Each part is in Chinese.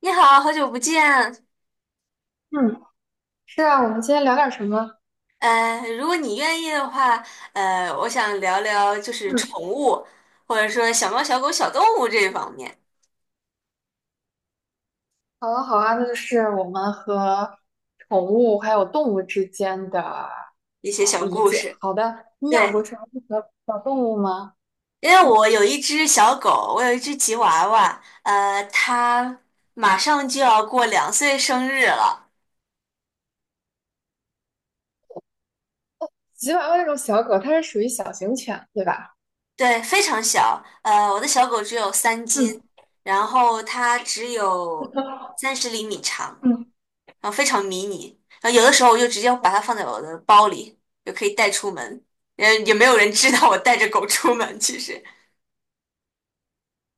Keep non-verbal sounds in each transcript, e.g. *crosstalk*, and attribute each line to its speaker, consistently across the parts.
Speaker 1: 你好，好久不见。
Speaker 2: 嗯，是啊，我们今天聊点什么？
Speaker 1: 如果你愿意的话，我想聊聊就是
Speaker 2: 嗯，
Speaker 1: 宠物，或者说小猫、小狗、小动物这方面
Speaker 2: 好啊，好啊，那就是我们和宠物还有动物之间的
Speaker 1: 一些小
Speaker 2: 理
Speaker 1: 故
Speaker 2: 解。
Speaker 1: 事。
Speaker 2: 好的，你养过
Speaker 1: 对，
Speaker 2: 什么小小动物吗？
Speaker 1: 因为
Speaker 2: 嗯，
Speaker 1: 我有一只小狗，我有一只吉娃娃，它马上就要过2岁生日了，
Speaker 2: 吉娃娃这种小狗，它是属于小型犬，对吧？
Speaker 1: 对，非常小。我的小狗只有3斤，
Speaker 2: 嗯
Speaker 1: 然后它只有三十厘米长。
Speaker 2: 嗯，
Speaker 1: 然后非常迷你。然后有的时候我就直接把它放在我的包里，就可以带出门。也没有人知道我带着狗出门。其实，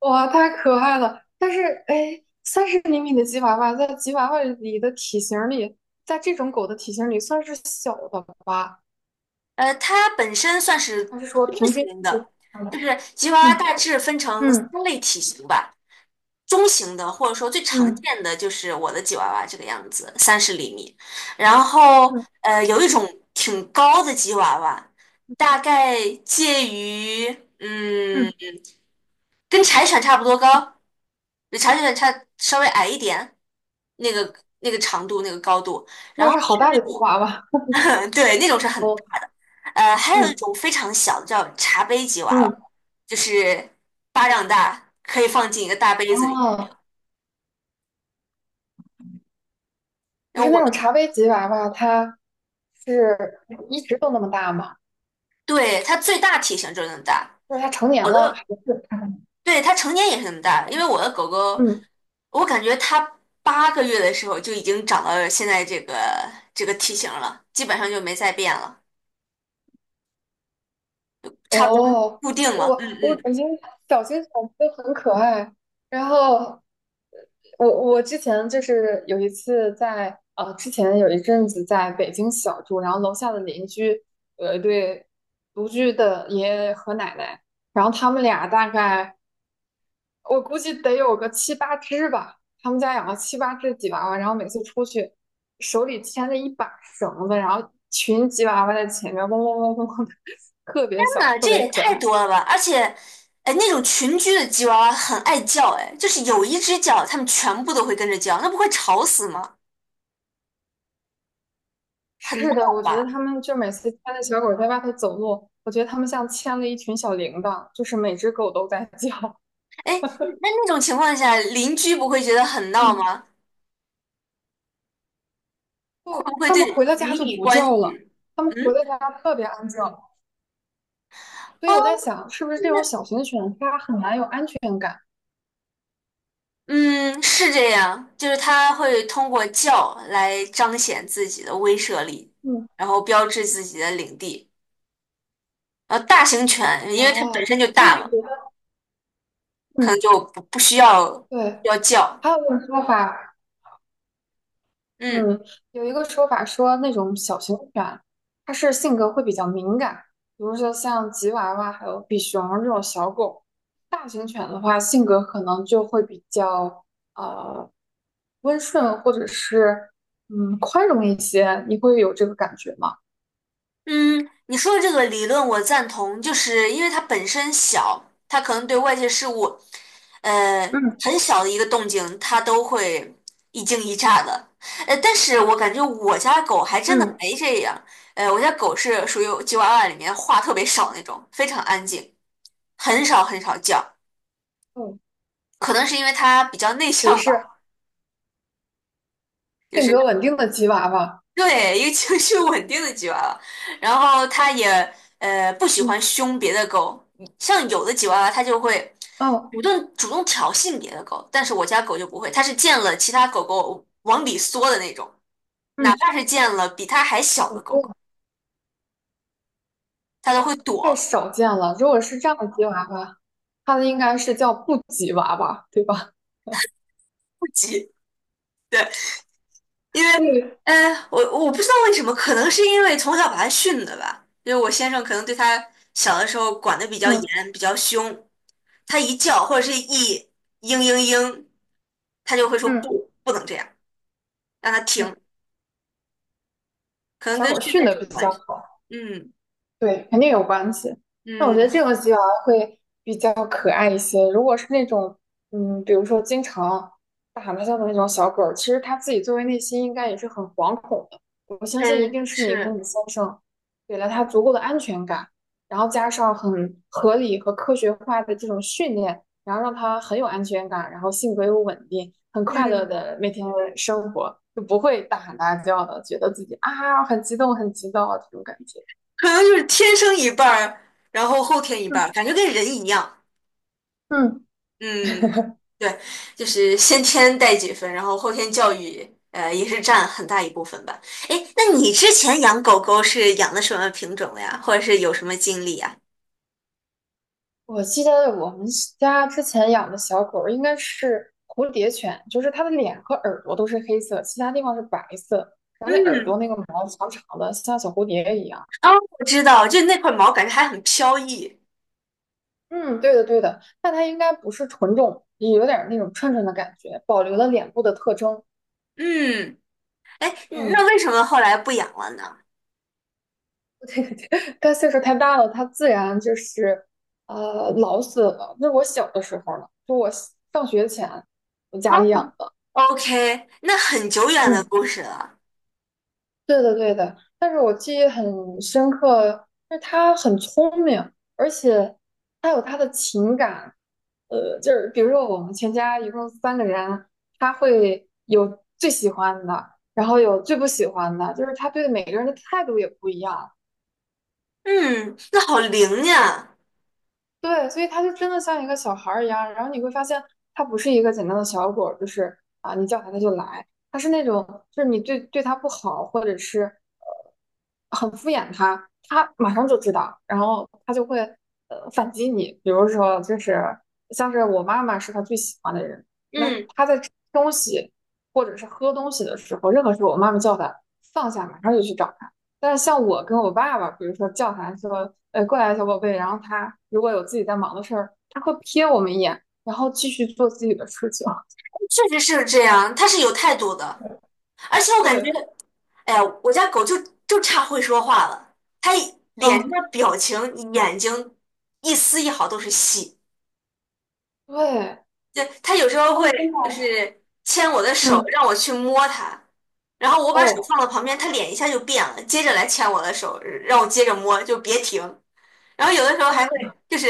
Speaker 2: 哇，太可爱了！但是，哎，30厘米的吉娃娃在吉娃娃里的体型儿里，在这种狗的体型儿里算是小的吧？
Speaker 1: 它本身算是
Speaker 2: 还是说
Speaker 1: 多
Speaker 2: 平均？
Speaker 1: 型的，就
Speaker 2: 嗯
Speaker 1: 是吉娃娃
Speaker 2: 嗯
Speaker 1: 大致分成三
Speaker 2: 嗯
Speaker 1: 类体型吧。中型的，或者说最常
Speaker 2: 嗯
Speaker 1: 见的就是我的吉娃娃这个样子，三十厘米。然后
Speaker 2: 嗯
Speaker 1: 有一种挺高的吉娃娃，大概介于嗯，
Speaker 2: 嗯，
Speaker 1: 跟柴犬差不多高，比柴犬差稍微矮一点，那个那个长度那个高度。然
Speaker 2: 那是
Speaker 1: 后
Speaker 2: 好
Speaker 1: 是
Speaker 2: 大
Speaker 1: 那
Speaker 2: 的吉
Speaker 1: 种
Speaker 2: 娃娃。
Speaker 1: *laughs* 对，那种是很
Speaker 2: 哦，
Speaker 1: 大的，还有一
Speaker 2: 嗯
Speaker 1: 种非常小的叫茶杯吉娃娃，
Speaker 2: 嗯，
Speaker 1: 就是巴掌大，可以放进一个大杯子里。
Speaker 2: 哦，不
Speaker 1: 然后
Speaker 2: 是那
Speaker 1: 我。
Speaker 2: 种茶杯吉娃娃，它是一直都那么大吗？
Speaker 1: 对，它最大体型就是那么大，
Speaker 2: 就是它成年
Speaker 1: 我
Speaker 2: 了还
Speaker 1: 的，
Speaker 2: 是它还
Speaker 1: 对，它成年也是那么大，因为我的狗狗，
Speaker 2: 嗯，
Speaker 1: 我感觉它8个月的时候就已经长到现在这个体型了，基本上就没再变了，差不多
Speaker 2: 哦，
Speaker 1: 固定了。
Speaker 2: 我
Speaker 1: 嗯嗯，
Speaker 2: 我
Speaker 1: 天
Speaker 2: 感觉小型犬都很可爱。然后我之前就是有一次之前有一阵子在北京小住，然后楼下的邻居有一对独居的爷爷和奶奶，然后他们俩大概。我估计得有个七八只吧。他们家养了七八只吉娃娃，然后每次出去手里牵着一把绳子，然后一群吉娃娃在前面嗡嗡嗡嗡嗡的，特别小，
Speaker 1: 呐，
Speaker 2: 特
Speaker 1: 这
Speaker 2: 别
Speaker 1: 也
Speaker 2: 可
Speaker 1: 太
Speaker 2: 爱。
Speaker 1: 多了吧！而且，哎，那种群居的吉娃娃很爱叫，哎，就是有一只叫，它们全部都会跟着叫，那不会吵死吗？很
Speaker 2: 是的，
Speaker 1: 闹
Speaker 2: 我觉得
Speaker 1: 吧？
Speaker 2: 他们就每次牵着小狗在外头走路，我觉得他们像牵了一群小铃铛，就是每只狗都在叫。
Speaker 1: 哎，那种情况下，邻居不会觉得很闹
Speaker 2: 嗯，
Speaker 1: 吗？
Speaker 2: *laughs*
Speaker 1: 会不
Speaker 2: 不，
Speaker 1: 会
Speaker 2: 他们回
Speaker 1: 对
Speaker 2: 到
Speaker 1: 邻
Speaker 2: 家就
Speaker 1: 里
Speaker 2: 不
Speaker 1: 关
Speaker 2: 叫了，
Speaker 1: 系？
Speaker 2: 他们回
Speaker 1: 嗯，
Speaker 2: 到家特别安静。所以
Speaker 1: 哦，
Speaker 2: 我在想，是不是这种小型犬它很难有安全感？
Speaker 1: 嗯，是这样，就是他会通过叫来彰显自己的威慑力，
Speaker 2: 嗯，
Speaker 1: 然后标志自己的领地。然后大型犬，因为它本
Speaker 2: 哦，
Speaker 1: 身就
Speaker 2: 所以
Speaker 1: 大嘛，
Speaker 2: 你觉得？
Speaker 1: 可
Speaker 2: 嗯。
Speaker 1: 能就不需要
Speaker 2: 对，
Speaker 1: 要叫。
Speaker 2: 还有一种说法，
Speaker 1: 嗯。
Speaker 2: 嗯，有一个说法说那种小型犬，它是性格会比较敏感，比如说像吉娃娃还有比熊这种小狗。大型犬的话，性格可能就会比较呃温顺，或者是宽容一些。你会有这个感觉吗？
Speaker 1: 嗯，你说的这个理论我赞同，就是因为它本身小，它可能对外界事物，呃，
Speaker 2: 嗯
Speaker 1: 很小的一个动静，它都会一惊一乍的。但是我感觉我家狗还真的
Speaker 2: 嗯
Speaker 1: 没这样。我家狗是属于吉娃娃里面话特别少那种，非常安静，很少很少叫。
Speaker 2: 嗯，
Speaker 1: 可能是因为它比较内
Speaker 2: 属于
Speaker 1: 向
Speaker 2: 是
Speaker 1: 吧。就
Speaker 2: 性
Speaker 1: 是。
Speaker 2: 格稳定的吉娃娃。
Speaker 1: 对，一个情绪稳定的吉娃娃，然后它也不喜
Speaker 2: 嗯，
Speaker 1: 欢凶别的狗，像有的吉娃娃它就会
Speaker 2: 哦，
Speaker 1: 主动挑衅别的狗，但是我家狗就不会，它是见了其他狗狗往里缩的那种，哪
Speaker 2: 嗯
Speaker 1: 怕是见了比它还小的
Speaker 2: 我
Speaker 1: 狗狗，
Speaker 2: 觉
Speaker 1: 它都会
Speaker 2: 太
Speaker 1: 躲
Speaker 2: 少见了。如果是这样的吉娃娃。他的应该是叫布吉娃娃，对吧？*laughs*
Speaker 1: 不急。对，因为，
Speaker 2: 对，
Speaker 1: 呃，我我不知道为什么，可能是因为从小把他训的吧，因为我先生可能对他小的时候管得比较
Speaker 2: 嗯
Speaker 1: 严，比较凶，他一叫或者是一嘤嘤嘤，他就会说
Speaker 2: 嗯
Speaker 1: 不，不能这样，让他
Speaker 2: 嗯，
Speaker 1: 停，可能
Speaker 2: 小
Speaker 1: 跟
Speaker 2: 狗
Speaker 1: 训
Speaker 2: 训
Speaker 1: 练
Speaker 2: 的比
Speaker 1: 有关
Speaker 2: 较
Speaker 1: 系。
Speaker 2: 好。
Speaker 1: 嗯
Speaker 2: 对，肯定有关系。那我觉得
Speaker 1: 嗯，
Speaker 2: 这种吉娃娃会比较可爱一些。如果是那种，比如说经常大喊大叫的那种小狗儿其实它自己作为内心应该也是很惶恐的。我相
Speaker 1: 哎，
Speaker 2: 信一定是你和
Speaker 1: 是，
Speaker 2: 你先生给了它足够的安全感，然后加上很合理和科学化的这种训练，然后让它很有安全感，然后性格又稳定，很快乐
Speaker 1: 嗯，
Speaker 2: 的每天生活，就不会大喊大叫的，觉得自己啊很激动很激动啊这种感觉。
Speaker 1: 可能就是天生一半儿，然后后天一半儿，
Speaker 2: 嗯。
Speaker 1: 感觉跟人一样。
Speaker 2: 嗯
Speaker 1: 嗯，对，就是先天带几分，然后后天教育，也是占很大一部分吧。哎，那你之前养狗狗是养的什么品种的呀？或者是有什么经历呀？
Speaker 2: 我记得我们家之前养的小狗儿应该是蝴蝶犬，就是它的脸和耳朵都是黑色，其他地方是白色，然后那耳朵
Speaker 1: 嗯，
Speaker 2: 那个毛长长的，像小蝴蝶一样。
Speaker 1: 哦，我知道，就那块毛感觉还很飘逸。
Speaker 2: 嗯，对的对的，但它应该不是纯种，也有点儿那种串串的感觉，保留了脸部的特征。
Speaker 1: 嗯，哎，
Speaker 2: 嗯，
Speaker 1: 那为什么后来不养了呢？
Speaker 2: *laughs* 对对对，它岁数太大了，它自然就是老死了。那是我小的时候了，就我上学前我
Speaker 1: 哦
Speaker 2: 家里养的。
Speaker 1: ，OK，那很久远的
Speaker 2: 嗯。
Speaker 1: 故事了。
Speaker 2: 对的，对的，但是我记忆很深刻，就是他很聪明，而且他有他的情感。就是比如说我们全家一共3个人，他会有最喜欢的，然后有最不喜欢的，就是他对每个人的态度也不一样。
Speaker 1: 嗯，那好灵呀。
Speaker 2: 对，所以它就真的像一个小孩儿一样，然后你会发现它不是一个简单的小狗儿就是啊，你叫它它就来，它是那种就是你对它不好，或者是很敷衍它，它马上就知道，然后它就会反击你。比如说，就是像是我妈妈是他最喜欢的人，那
Speaker 1: 嗯，
Speaker 2: 他在吃东西或者是喝东西的时候，任何时候我妈妈叫他放下，马上就去找。但是像我跟我爸爸，比如说叫他说，过来，小宝贝，然后他如果有自己在忙的事儿，他会瞥我们一眼，然后继续做自己的事情。*laughs*
Speaker 1: 确实是这样，它是有态度的，而且我感觉。
Speaker 2: 对，
Speaker 1: 哎呀，我家狗就就差会说话了，它一脸
Speaker 2: 啊，
Speaker 1: 上的表情、眼睛一丝一毫都是戏。
Speaker 2: 对，
Speaker 1: 就它有时候
Speaker 2: 他
Speaker 1: 会
Speaker 2: 们真的，
Speaker 1: 就是牵我的手，
Speaker 2: 嗯，
Speaker 1: 让我去摸它，然后我把手
Speaker 2: 哦，
Speaker 1: 放到旁边，它脸一下就变了，接着来牵我的手，让我接着摸，就别停。然后有的时候还会就是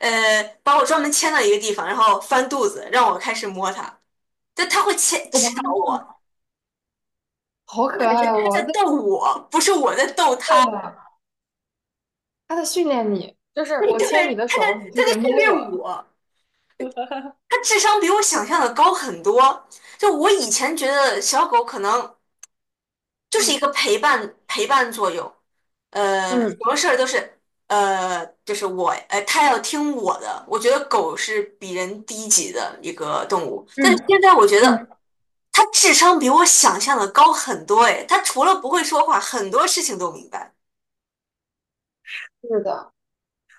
Speaker 1: 把我专门牵到一个地方，然后翻肚子让我开始摸它，就它会牵指导
Speaker 2: 我
Speaker 1: 我，
Speaker 2: 好
Speaker 1: 我
Speaker 2: 可
Speaker 1: 感觉
Speaker 2: 爱
Speaker 1: 它
Speaker 2: 哦！
Speaker 1: 在
Speaker 2: 对
Speaker 1: 逗我，不是我在逗它。
Speaker 2: 对的，他在训练你，就是
Speaker 1: *laughs* 对，
Speaker 2: 我
Speaker 1: 他
Speaker 2: 牵你的
Speaker 1: 在
Speaker 2: 手，你就
Speaker 1: 他在
Speaker 2: 得
Speaker 1: 训
Speaker 2: 摸我。
Speaker 1: 练我，
Speaker 2: *laughs*
Speaker 1: 他智商比我想象的高很多。就我以前觉得小狗可能就是一个
Speaker 2: 嗯
Speaker 1: 陪伴作用，什
Speaker 2: 嗯
Speaker 1: 么事儿都是就是我它要听我的。我觉得狗是比人低级的一个动物，但是
Speaker 2: 嗯
Speaker 1: 现在我觉得
Speaker 2: 嗯，
Speaker 1: 它智商比我想象的高很多。哎，它除了不会说话，很多事情都明白。
Speaker 2: 是的。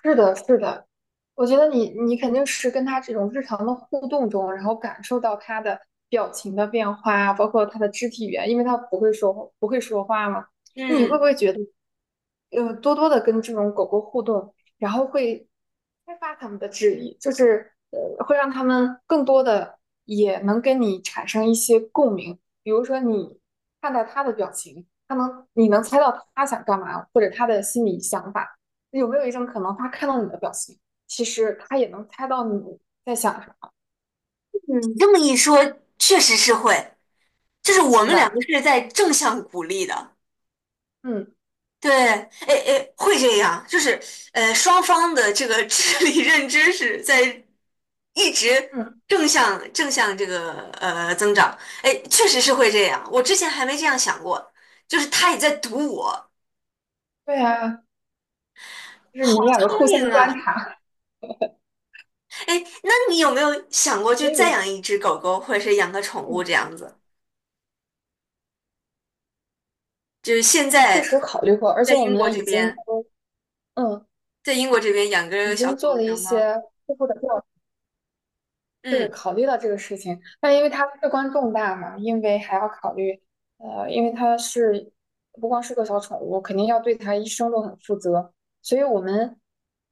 Speaker 2: 是的，是的，我觉得你肯定是跟他这种日常的互动中，然后感受到他的表情的变化啊包括他的肢体语言，因为他不会说话嘛。那你会不
Speaker 1: 嗯，
Speaker 2: 会觉得，多多的跟这种狗狗互动，然后会开发它们的智力，就是会让它们更多的也能跟你产生一些共鸣。比如说你看到它的表情，你能猜到它想干嘛，或者它的心理想法。有没有一种可能，他看到你的表情，其实他也能猜到你在想什么，
Speaker 1: 你这么一说，确实是会。就是我
Speaker 2: 是
Speaker 1: 们两个
Speaker 2: 吧？
Speaker 1: 是在正向鼓励的，
Speaker 2: 嗯
Speaker 1: 对，哎哎，会这样，就是双方的这个 *laughs* 智力认知是在一直
Speaker 2: 嗯，
Speaker 1: 正向这个增长，哎，确实是会这样，我之前还没这样想过，就是他也在读我，
Speaker 2: 对啊，就是你
Speaker 1: 好
Speaker 2: 们两个
Speaker 1: 聪
Speaker 2: 互相
Speaker 1: 明
Speaker 2: 观
Speaker 1: 啊，
Speaker 2: 察，
Speaker 1: 哎，那你有没有想过就
Speaker 2: 所
Speaker 1: 再
Speaker 2: 以
Speaker 1: 养一只狗狗，或者是养个宠物
Speaker 2: 嗯，
Speaker 1: 这样子？就是现
Speaker 2: 确
Speaker 1: 在
Speaker 2: 实考虑过，而
Speaker 1: 在
Speaker 2: 且我
Speaker 1: 英国
Speaker 2: 们已
Speaker 1: 这
Speaker 2: 经
Speaker 1: 边，
Speaker 2: 都嗯
Speaker 1: 在英国这边养
Speaker 2: 已
Speaker 1: 个小
Speaker 2: 经
Speaker 1: 狗
Speaker 2: 做了
Speaker 1: 小
Speaker 2: 一
Speaker 1: 猫，
Speaker 2: 些初步的调查。对，
Speaker 1: 嗯。
Speaker 2: 考虑到这个事情，但因为它事关重大嘛，因为还要考虑，因为不光是个小宠物，肯定要对它一生都很负责，所以我们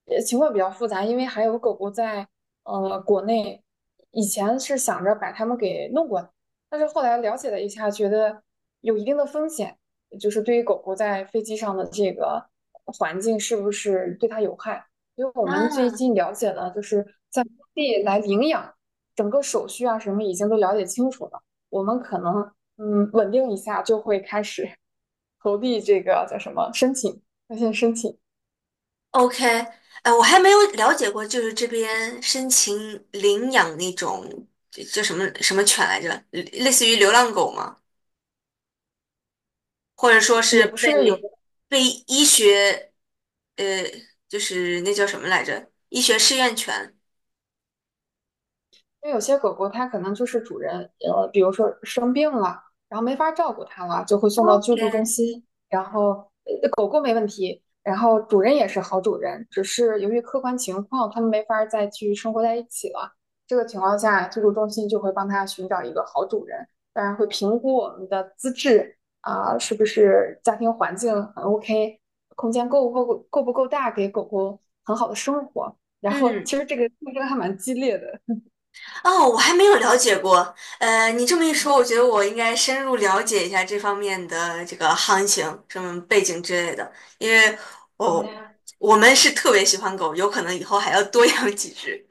Speaker 2: 情况比较复杂，因为还有狗狗在国内，以前是想着把它们给弄过来，但是后来了解了一下，觉得有一定的风险，就是对于狗狗在飞机上的这个环境是不是对它有害，因为我们最
Speaker 1: 啊，
Speaker 2: 近了解了，就是在当地来领养。整个手续啊什么已经都了解清楚了，我们可能稳定一下就会开始 *laughs* 投递这个叫什么申请，那线申请
Speaker 1: OK，我还没有了解过，就是这边申请领养那种就叫什么什么犬来着，类似于流浪狗吗？或者说
Speaker 2: 也
Speaker 1: 是
Speaker 2: 不是有
Speaker 1: 被
Speaker 2: 的
Speaker 1: 被医学呃，就是那叫什么来着，医学试验犬。
Speaker 2: 因为有些狗狗它可能就是主人，比如说生病了，然后没法照顾它了，就会送到救
Speaker 1: OK，
Speaker 2: 助中心。然后，狗狗没问题，然后主人也是好主人，只是由于客观情况，它们没法再去生活在一起了。这个情况下，救助中心就会帮它寻找一个好主人，当然会评估我们的资质啊，是不是家庭环境很 OK，空间够不够大，给狗狗很好的生活。然后，
Speaker 1: 嗯，
Speaker 2: 其实这个竞争还蛮激烈的。
Speaker 1: 哦，我还没有了解过。你这么一说，我觉得我应该深入了解一下这方面的这个行情、什么背景之类的，因为
Speaker 2: 好的
Speaker 1: 我、
Speaker 2: 呀。
Speaker 1: 我们是特别喜欢狗，有可能以后还要多养几只。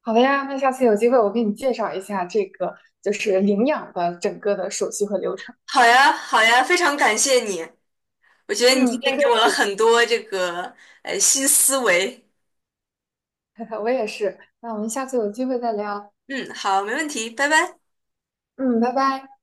Speaker 2: 好的呀，那下次有机会我给你介绍一下这个就是领养的整个的手续和流程。
Speaker 1: 好呀，好呀，非常感谢你，我觉得你今
Speaker 2: 嗯，不
Speaker 1: 天
Speaker 2: 客
Speaker 1: 给我了
Speaker 2: 气，
Speaker 1: 很多这个新思维。
Speaker 2: *laughs* 我也是。那我们下次有机会再聊。
Speaker 1: 嗯，好，没问题，拜拜。
Speaker 2: 嗯，拜拜。